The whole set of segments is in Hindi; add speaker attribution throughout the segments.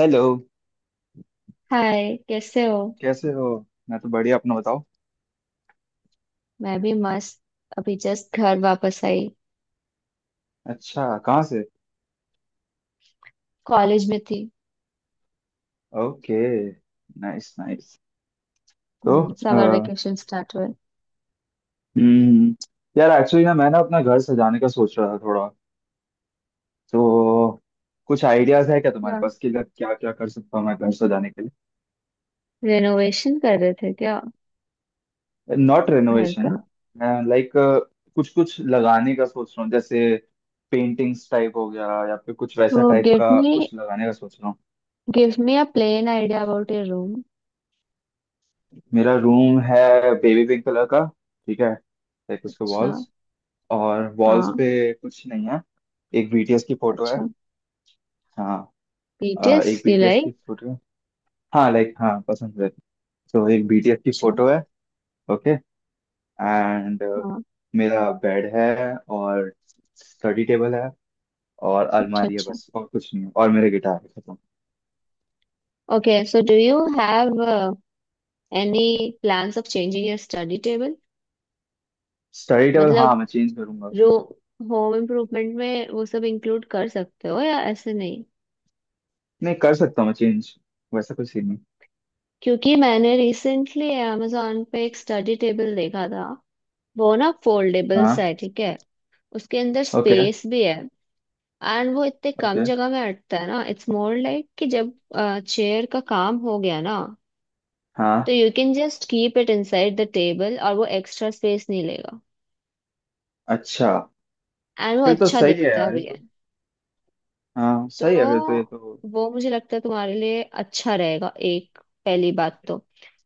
Speaker 1: हेलो।
Speaker 2: हाय, कैसे हो।
Speaker 1: कैसे हो? मैं तो बढ़िया, अपना बताओ।
Speaker 2: मैं भी मस्त। अभी जस्ट घर वापस आई।
Speaker 1: अच्छा, कहाँ से?
Speaker 2: कॉलेज में थी।
Speaker 1: ओके। Nice nice. तो
Speaker 2: हम्म,
Speaker 1: अ,
Speaker 2: समर वेकेशन स्टार्ट हुए।
Speaker 1: हम्म, यार एक्चुअली ना मैं ना अपना घर सजाने का सोच रहा था थोड़ा। तो कुछ आइडियाज है क्या तुम्हारे
Speaker 2: क्या,
Speaker 1: पास कि क्या क्या कर सकता हूँ मैं घर सजाने के लिए?
Speaker 2: रेनोवेशन कर रहे थे क्या,
Speaker 1: नॉट
Speaker 2: घर
Speaker 1: रेनोवेशन।
Speaker 2: का।
Speaker 1: लाइक कुछ कुछ लगाने का सोच रहा हूँ जैसे पेंटिंग्स टाइप हो गया या फिर कुछ
Speaker 2: तो
Speaker 1: वैसा टाइप
Speaker 2: गिव
Speaker 1: का
Speaker 2: मी
Speaker 1: कुछ लगाने का सोच रहा हूँ।
Speaker 2: Give me uh plain idea about your room.
Speaker 1: मेरा रूम है बेबी पिंक कलर का। ठीक है, लाइक उसके
Speaker 2: अच्छा।
Speaker 1: वॉल्स। और वॉल्स
Speaker 2: हाँ।
Speaker 1: पे कुछ नहीं है। एक बीटीएस की फोटो है।
Speaker 2: अच्छा।
Speaker 1: हाँ।
Speaker 2: डिटेल्स
Speaker 1: एक
Speaker 2: यू
Speaker 1: बीटीएस की
Speaker 2: लाइक।
Speaker 1: फोटो है। हाँ लाइक हाँ पसंद है। तो एक बीटीएस की
Speaker 2: अच्छा।
Speaker 1: फोटो है। ओके। एंड
Speaker 2: हाँ।
Speaker 1: मेरा बेड है, और स्टडी टेबल है, और
Speaker 2: अच्छा
Speaker 1: अलमारी है,
Speaker 2: अच्छा।
Speaker 1: बस और कुछ नहीं है और मेरे गिटार है, खत्म।
Speaker 2: Okay, so do you have any plans of changing your study table.
Speaker 1: Study table हाँ
Speaker 2: मतलब,
Speaker 1: मैं चेंज करूंगा।
Speaker 2: रूम होम इम्प्रूवमेंट में वो सब इंक्लूड कर सकते हो या ऐसे नहीं।
Speaker 1: नहीं कर सकता हूँ मैं चेंज। वैसा कुछ सीन नहीं।
Speaker 2: क्योंकि मैंने रिसेंटली amazon पे एक स्टडी टेबल देखा था। वो ना फोल्डेबल
Speaker 1: हाँ।
Speaker 2: है, ठीक है। उसके अंदर
Speaker 1: ओके।
Speaker 2: स्पेस भी है। एंड वो इतने कम
Speaker 1: ओके।
Speaker 2: जगह में अटता है ना, इट्स मोर लाइक कि जब चेयर का काम हो गया ना,
Speaker 1: हाँ।
Speaker 2: तो you can just keep it inside the table और वो एक्स्ट्रा स्पेस नहीं लेगा।
Speaker 1: अच्छा।
Speaker 2: एंड वो
Speaker 1: फिर तो
Speaker 2: अच्छा
Speaker 1: सही है
Speaker 2: दिखता
Speaker 1: यार ये
Speaker 2: भी है।
Speaker 1: तो। हाँ सही है फिर तो ये
Speaker 2: तो
Speaker 1: तो।
Speaker 2: वो मुझे लगता है तुम्हारे लिए अच्छा रहेगा एक, पहली बात तो।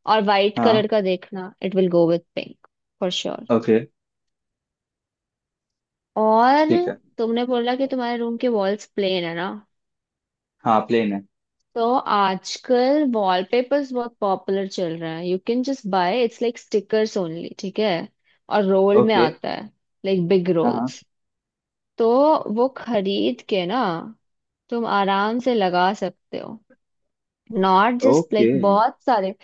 Speaker 2: और वाइट
Speaker 1: हाँ।
Speaker 2: कलर का देखना, it will go with pink for sure.
Speaker 1: Okay.
Speaker 2: और
Speaker 1: ठीक है।
Speaker 2: तुमने बोला कि तुम्हारे रूम के वॉल्स प्लेन है ना।
Speaker 1: हाँ प्लेन है।
Speaker 2: तो आजकल वॉलपेपर्स बहुत पॉपुलर चल रहे हैं, you can just buy it's like stickers only, ठीक है। और रोल में
Speaker 1: ओके।
Speaker 2: आता है, लाइक बिग
Speaker 1: हाँ हाँ।
Speaker 2: रोल्स। तो वो खरीद के ना, तुम आराम से लगा सकते हो। Not just
Speaker 1: okay.
Speaker 2: लाइक बहुत सारे,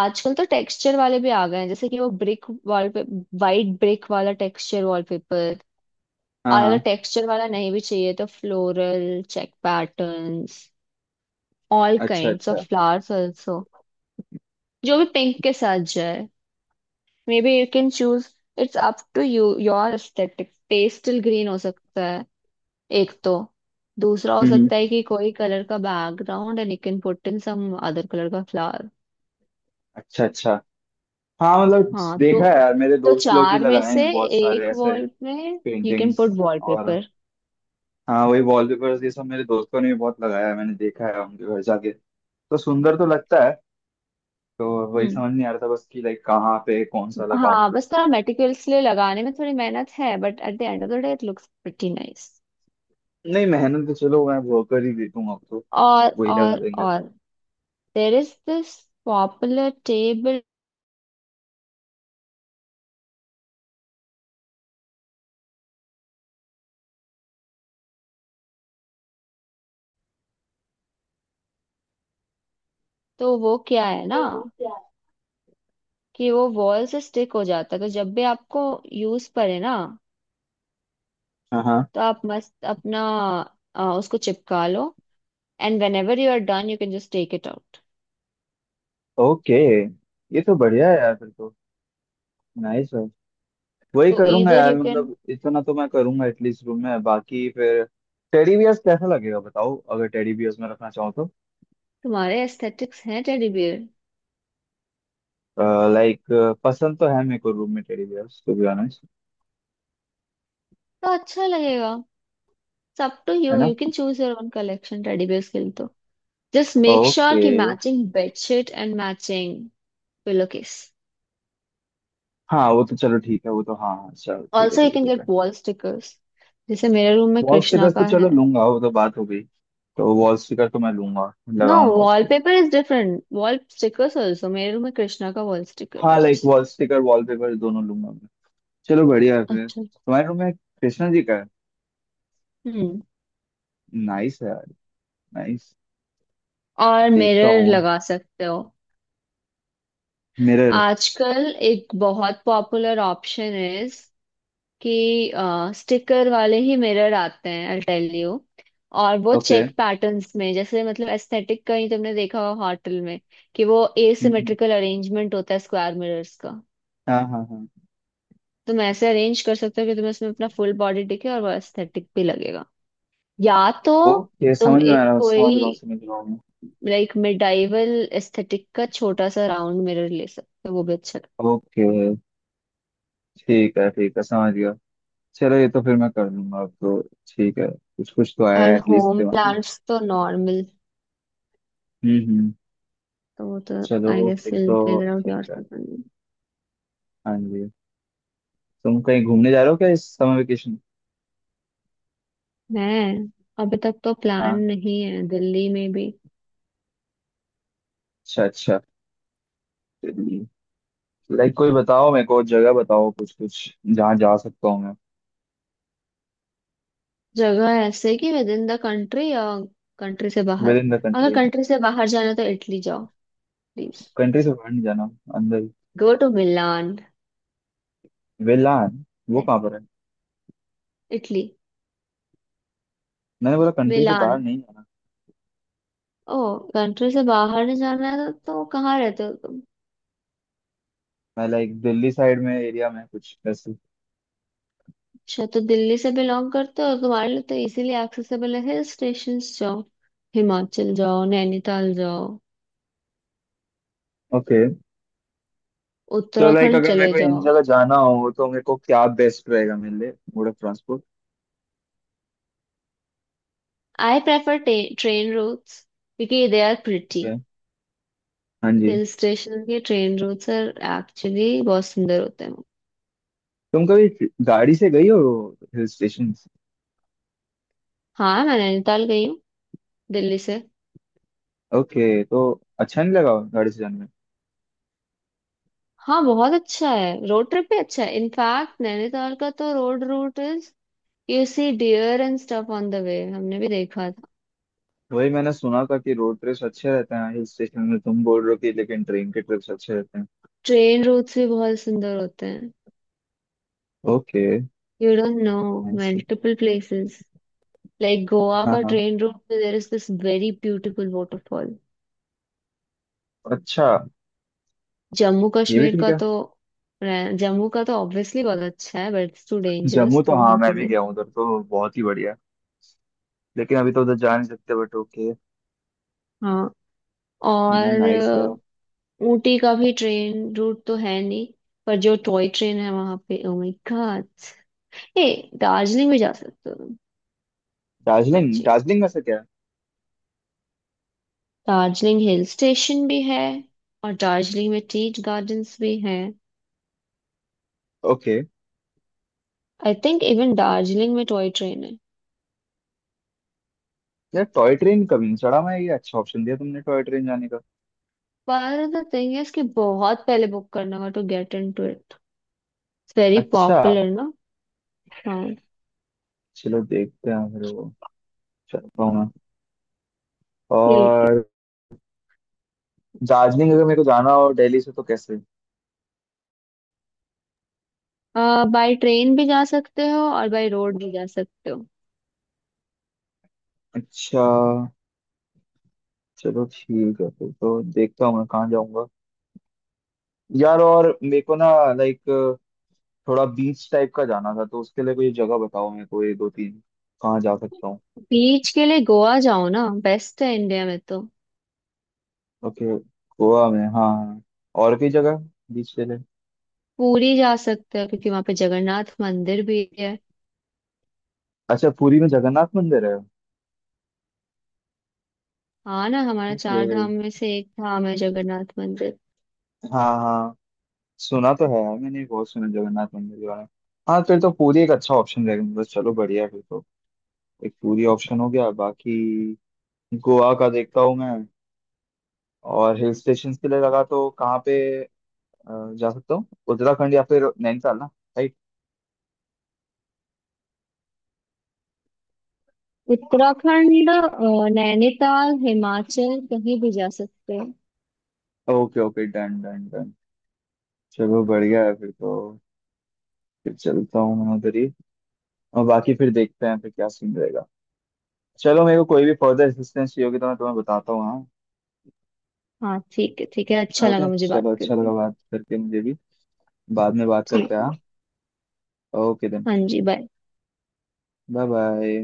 Speaker 2: आजकल तो टेक्सचर वाले भी आ गए हैं, जैसे कि वो ब्रिक वॉलपेपर, वाइट ब्रिक वाला टेक्सचर वॉलपेपर।
Speaker 1: हाँ
Speaker 2: और अगर
Speaker 1: हाँ।
Speaker 2: टेक्सचर वाला नहीं भी चाहिए तो फ्लोरल चेक पैटर्न्स, ऑल
Speaker 1: अच्छा
Speaker 2: काइंड्स
Speaker 1: अच्छा।
Speaker 2: ऑफ फ्लावर्स आल्सो, जो भी पिंक के साथ जाए। Maybe you can choose, it's up to you your aesthetic. Pastel green हो सकता है एक तो। दूसरा हो
Speaker 1: हम्म हम्म,
Speaker 2: सकता है कि कोई कलर का background and you can put in some other colour का फ्लावर।
Speaker 1: अच्छा अच्छा। हाँ मतलब
Speaker 2: हाँ, तो
Speaker 1: देखा है यार, मेरे
Speaker 2: तो
Speaker 1: दोस्त लोग भी
Speaker 2: चार में
Speaker 1: लगाए
Speaker 2: से
Speaker 1: हैं बहुत सारे
Speaker 2: एक
Speaker 1: ऐसे।
Speaker 2: वॉल में यू कैन पुट
Speaker 1: पेंटिंग्स, और
Speaker 2: वॉलपेपर।
Speaker 1: हाँ वही वॉलपेपर्स, ये सब मेरे दोस्तों ने भी बहुत लगाया है, मैंने देखा है उनके घर जाके। तो सुंदर तो लगता है। तो वही
Speaker 2: हम्म।
Speaker 1: समझ नहीं आ रहा था बस कि लाइक कहाँ पे कौन सा लगाऊं।
Speaker 2: हाँ, बस थोड़ा मेटिकुलसली लगाने में थोड़ी मेहनत है, but at the end of the day it looks pretty nice.
Speaker 1: नहीं मेहनत तो चलो मैं वो कर ही देता अब तो।
Speaker 2: और
Speaker 1: वही लगा
Speaker 2: और
Speaker 1: देंगे।
Speaker 2: और there is this popular table. तो वो क्या है ना, कि वो वॉल से स्टिक हो जाता है, तो जब भी आपको यूज पड़े ना,
Speaker 1: हाँ हाँ।
Speaker 2: तो आप मस्त अपना उसको चिपका लो। And whenever you are done you can just take it out.
Speaker 1: Okay. ये तो बढ़िया है यार फिर तो। नाइस। वही
Speaker 2: तो
Speaker 1: करूंगा
Speaker 2: इधर
Speaker 1: यार,
Speaker 2: यू कैन,
Speaker 1: मतलब इतना तो मैं करूंगा एटलीस्ट रूम में, बाकी फिर। टेडी बियर्स कैसा लगेगा बताओ, अगर टेडी बियर्स में रखना चाहो तो।
Speaker 2: तुम्हारे एस्थेटिक्स हैं टेडी बियर,
Speaker 1: लाइक पसंद तो है मेरे को रूम में teddy bears to be honest.
Speaker 2: तो अच्छा लगेगा। सब टू
Speaker 1: है
Speaker 2: यू,
Speaker 1: ना?
Speaker 2: You can choose your own collection teddy bears के लिए तो। Just make sure
Speaker 1: okay.
Speaker 2: ki matching bedsheet and matching pillowcase.
Speaker 1: हाँ वो तो चलो ठीक है, वो तो हाँ हाँ चलो ठीक है
Speaker 2: Also, you
Speaker 1: ठीक है
Speaker 2: can
Speaker 1: ठीक है।
Speaker 2: get wall stickers. जैसे मेरे रूम में
Speaker 1: वॉल
Speaker 2: कृष्णा
Speaker 1: स्टिकर्स तो
Speaker 2: का
Speaker 1: चलो
Speaker 2: है।
Speaker 1: लूंगा वो तो, बात हो गई। तो वॉल स्टिकर तो मैं लूंगा।
Speaker 2: नो,
Speaker 1: लगाऊंगा उसको।
Speaker 2: Wallpaper is different, wall stickers also मेरे रूम में कृष्णा का वॉल स्टिकर
Speaker 1: हाँ
Speaker 2: है
Speaker 1: लाइक
Speaker 2: जैसे।
Speaker 1: वॉल स्टिकर वॉलपेपर दोनों लूंगा मैं। चलो बढ़िया है, फिर
Speaker 2: अच्छा।
Speaker 1: तुम्हारे रूम में कृष्णा जी का है।
Speaker 2: हम्म।
Speaker 1: नाइस है यार। नाइस।
Speaker 2: और
Speaker 1: देखता
Speaker 2: मिरर
Speaker 1: हूँ।
Speaker 2: लगा सकते हो।
Speaker 1: मिरर।
Speaker 2: आजकल एक बहुत पॉपुलर ऑप्शन है कि स्टिकर वाले ही मिरर आते हैं, आई टेल यू। और वो
Speaker 1: ओके।
Speaker 2: चेक पैटर्न्स में जैसे, मतलब एस्थेटिक का ही, तुमने देखा होगा होटल में कि वो
Speaker 1: हम्म,
Speaker 2: एसिमेट्रिकल अरेंजमेंट होता है स्क्वायर मिरर्स का।
Speaker 1: हाँ हाँ हाँ।
Speaker 2: तुम ऐसे अरेंज कर सकते हो कि तुम्हें उसमें अपना फुल बॉडी दिखे और वो एस्थेटिक भी लगेगा। या तो
Speaker 1: ओके
Speaker 2: तुम
Speaker 1: समझ में आ
Speaker 2: एक
Speaker 1: रहा हूँ, समझ
Speaker 2: कोई
Speaker 1: रहा हूँ समझ रहा हूँ मैं।
Speaker 2: लाइक मिडाइवल एस्थेटिक का छोटा सा राउंड मिरर ले सकते हो, वो भी अच्छा
Speaker 1: ओके ठीक है ठीक है, समझ गया। चलो ये तो फिर मैं कर लूंगा अब तो। ठीक है, कुछ कुछ तो
Speaker 2: लगता है।
Speaker 1: आया
Speaker 2: एंड
Speaker 1: एटलीस्ट
Speaker 2: होम
Speaker 1: दिमाग में।
Speaker 2: प्लांट्स तो नॉर्मल,
Speaker 1: हम्म।
Speaker 2: तो वो तो आई
Speaker 1: चलो
Speaker 2: गेस
Speaker 1: फिर
Speaker 2: विल
Speaker 1: तो
Speaker 2: फिगर आउट
Speaker 1: ठीक
Speaker 2: योर।
Speaker 1: है। हाँ जी। तुम कहीं घूमने जा रहे हो क्या इस समर वेकेशन?
Speaker 2: है, अभी तक तो प्लान
Speaker 1: हाँ।
Speaker 2: नहीं है दिल्ली में भी।
Speaker 1: अच्छा अच्छा। लाइक कोई बताओ मेरे को, जगह बताओ कुछ कुछ जहाँ जा सकता हूँ मैं।
Speaker 2: जगह ऐसे कि विद इन द कंट्री या कंट्री से
Speaker 1: विद
Speaker 2: बाहर।
Speaker 1: इन द
Speaker 2: अगर
Speaker 1: कंट्री।
Speaker 2: कंट्री से बाहर जाना है तो इटली जाओ प्लीज।
Speaker 1: कंट्री से बाहर नहीं जाना। अंदर।
Speaker 2: Go to Milan.
Speaker 1: वेलान। वो कहाँ पर है?
Speaker 2: इटली।
Speaker 1: मैंने बोला कंट्री से
Speaker 2: मिलान।
Speaker 1: बाहर नहीं जाना।
Speaker 2: ओ, कंट्री से बाहर नहीं जाना है तो कहाँ रहते हो तुम।
Speaker 1: मैं लाइक दिल्ली साइड में, एरिया में कुछ ऐसे।
Speaker 2: अच्छा, तो दिल्ली से बिलोंग करते हो, तुम्हारे लिए तो इजीली एक्सेसिबल है, हिल स्टेशन जाओ, हिमाचल जाओ, नैनीताल जाओ,
Speaker 1: ओके तो। लाइक
Speaker 2: उत्तराखंड
Speaker 1: अगर मेरे
Speaker 2: चले
Speaker 1: को इन
Speaker 2: जाओ।
Speaker 1: जगह जाना हो तो मेरे को क्या बेस्ट रहेगा मेरे लिए? Mode of transport?
Speaker 2: I prefer train routes because they are pretty.
Speaker 1: Okay. हाँ जी।
Speaker 2: हिल स्टेशन के ट्रेन रूट सर एक्चुअली बहुत सुंदर होते हैं।
Speaker 1: तुम कभी गाड़ी से गई हो? Hill station?
Speaker 2: हाँ, मैं नैनीताल गई हूँ दिल्ली से।
Speaker 1: ओके तो। अच्छा नहीं लगा गाड़ी से जाने में?
Speaker 2: हाँ बहुत अच्छा है, रोड ट्रिप भी अच्छा है, इनफैक्ट नैनीताल का तो road route is, you see deer and stuff on the way, हमने भी देखा था।
Speaker 1: वही मैंने सुना था कि रोड ट्रिप्स अच्छे रहते हैं हिल स्टेशन में, तुम बोल रहे हो कि लेकिन ट्रेन के ट्रिप्स अच्छे रहते हैं।
Speaker 2: ट्रेन रूट्स भी बहुत सुंदर होते हैं,
Speaker 1: okay.
Speaker 2: You don't know,
Speaker 1: nice.
Speaker 2: Multiple places. Like Goa
Speaker 1: हाँ
Speaker 2: का
Speaker 1: हाँ।
Speaker 2: ट्रेन रूट में there is this very beautiful waterfall.
Speaker 1: अच्छा।
Speaker 2: जम्मू
Speaker 1: ये भी
Speaker 2: कश्मीर
Speaker 1: ठीक
Speaker 2: का
Speaker 1: है।
Speaker 2: तो, जम्मू का तो ऑब्वियसली बहुत अच्छा है, but it's too
Speaker 1: Jammu
Speaker 2: dangerous, तो
Speaker 1: तो हाँ
Speaker 2: वहां तो
Speaker 1: मैं भी
Speaker 2: नहीं।
Speaker 1: गया हूँ उधर, तो बहुत ही बढ़िया है। लेकिन अभी तो उधर जा नहीं सकते, बट ओके।
Speaker 2: हाँ, और
Speaker 1: नाइस है।
Speaker 2: ऊटी का भी ट्रेन रूट तो है नहीं, पर जो टॉय ट्रेन है वहां पे, ओ माय गॉड। ए, दार्जिलिंग भी जा सकते हो तुम।
Speaker 1: दार्जिलिंग?
Speaker 2: बच्चे,
Speaker 1: दार्जिलिंग में से क्या?
Speaker 2: दार्जिलिंग हिल स्टेशन भी है, और दार्जिलिंग में टी गार्डन्स भी हैं।
Speaker 1: Okay.
Speaker 2: I think even Darjeeling में टॉय ट्रेन है।
Speaker 1: यार टॉय ट्रेन कभी नहीं चढ़ा मैं, ये अच्छा ऑप्शन दिया तुमने टॉय ट्रेन जाने का।
Speaker 2: पर द थिंग इज कि बहुत पहले बुक करना होगा to get into it, it's very
Speaker 1: अच्छा।
Speaker 2: पॉपुलर ना। हाँ।
Speaker 1: चलो देखते हैं फिर वो। चल पाऊंगा।
Speaker 2: ठीक
Speaker 1: और दार्जिलिंग अगर मेरे को जाना हो दिल्ली से तो कैसे?
Speaker 2: है, बाय ट्रेन भी जा सकते हो और बाय रोड भी जा सकते हो।
Speaker 1: अच्छा। चलो ठीक है फिर तो, देखता हूँ मैं कहाँ जाऊंगा। यार और मेरे को ना लाइक थोड़ा बीच टाइप का जाना था, तो उसके लिए कोई जगह बताओ मेरे को ये दो तीन। कहाँ जा सकता हूँ?
Speaker 2: बीच के लिए गोवा जाओ ना, बेस्ट है इंडिया में तो।
Speaker 1: ओके। गोवा में, हाँ हाँ। और कोई जगह? बीच के लिए।
Speaker 2: पूरी जा सकते हो क्योंकि वहां पे जगन्नाथ मंदिर भी है।
Speaker 1: अच्छा, पुरी में जगन्नाथ मंदिर है।
Speaker 2: हाँ ना, हमारा
Speaker 1: ओके।
Speaker 2: चार धाम में से एक धाम है जगन्नाथ मंदिर।
Speaker 1: हाँ हाँ। सुना तो है यार, मैंने बहुत सुना जगन्नाथ मंदिर के बारे में। हाँ फिर तो पूरी एक अच्छा ऑप्शन रहेगा, मतलब चलो बढ़िया है, फिर तो। एक पूरी ऑप्शन हो गया, बाकी गोवा का देखता हूँ मैं। और हिल स्टेशन के लिए लगा तो कहाँ पे? जा सकता हूँ उत्तराखंड या फिर नैनीताल ना। राइट।
Speaker 2: उत्तराखंड, नैनीताल, हिमाचल, कहीं भी जा सकते हो।
Speaker 1: Okay okay, done done done. चलो बढ़िया है फिर तो। फिर चलता हूँ मैं उधर ही। और बाकी फिर देखते हैं फिर क्या सीन रहेगा। चलो मेरे को कोई भी फर्दर असिस्टेंस चाहिए होगी तो मैं तुम्हें बताता हूँ।
Speaker 2: हाँ ठीक है, ठीक है,
Speaker 1: हाँ
Speaker 2: अच्छा
Speaker 1: ओके
Speaker 2: लगा मुझे बात
Speaker 1: चलो, अच्छा
Speaker 2: करके।
Speaker 1: लगा बात करके मुझे भी। बाद में बात करते
Speaker 2: ठीक
Speaker 1: हैं,
Speaker 2: है।
Speaker 1: हाँ, ओके देन।
Speaker 2: हाँ जी, बाय।
Speaker 1: Bye bye.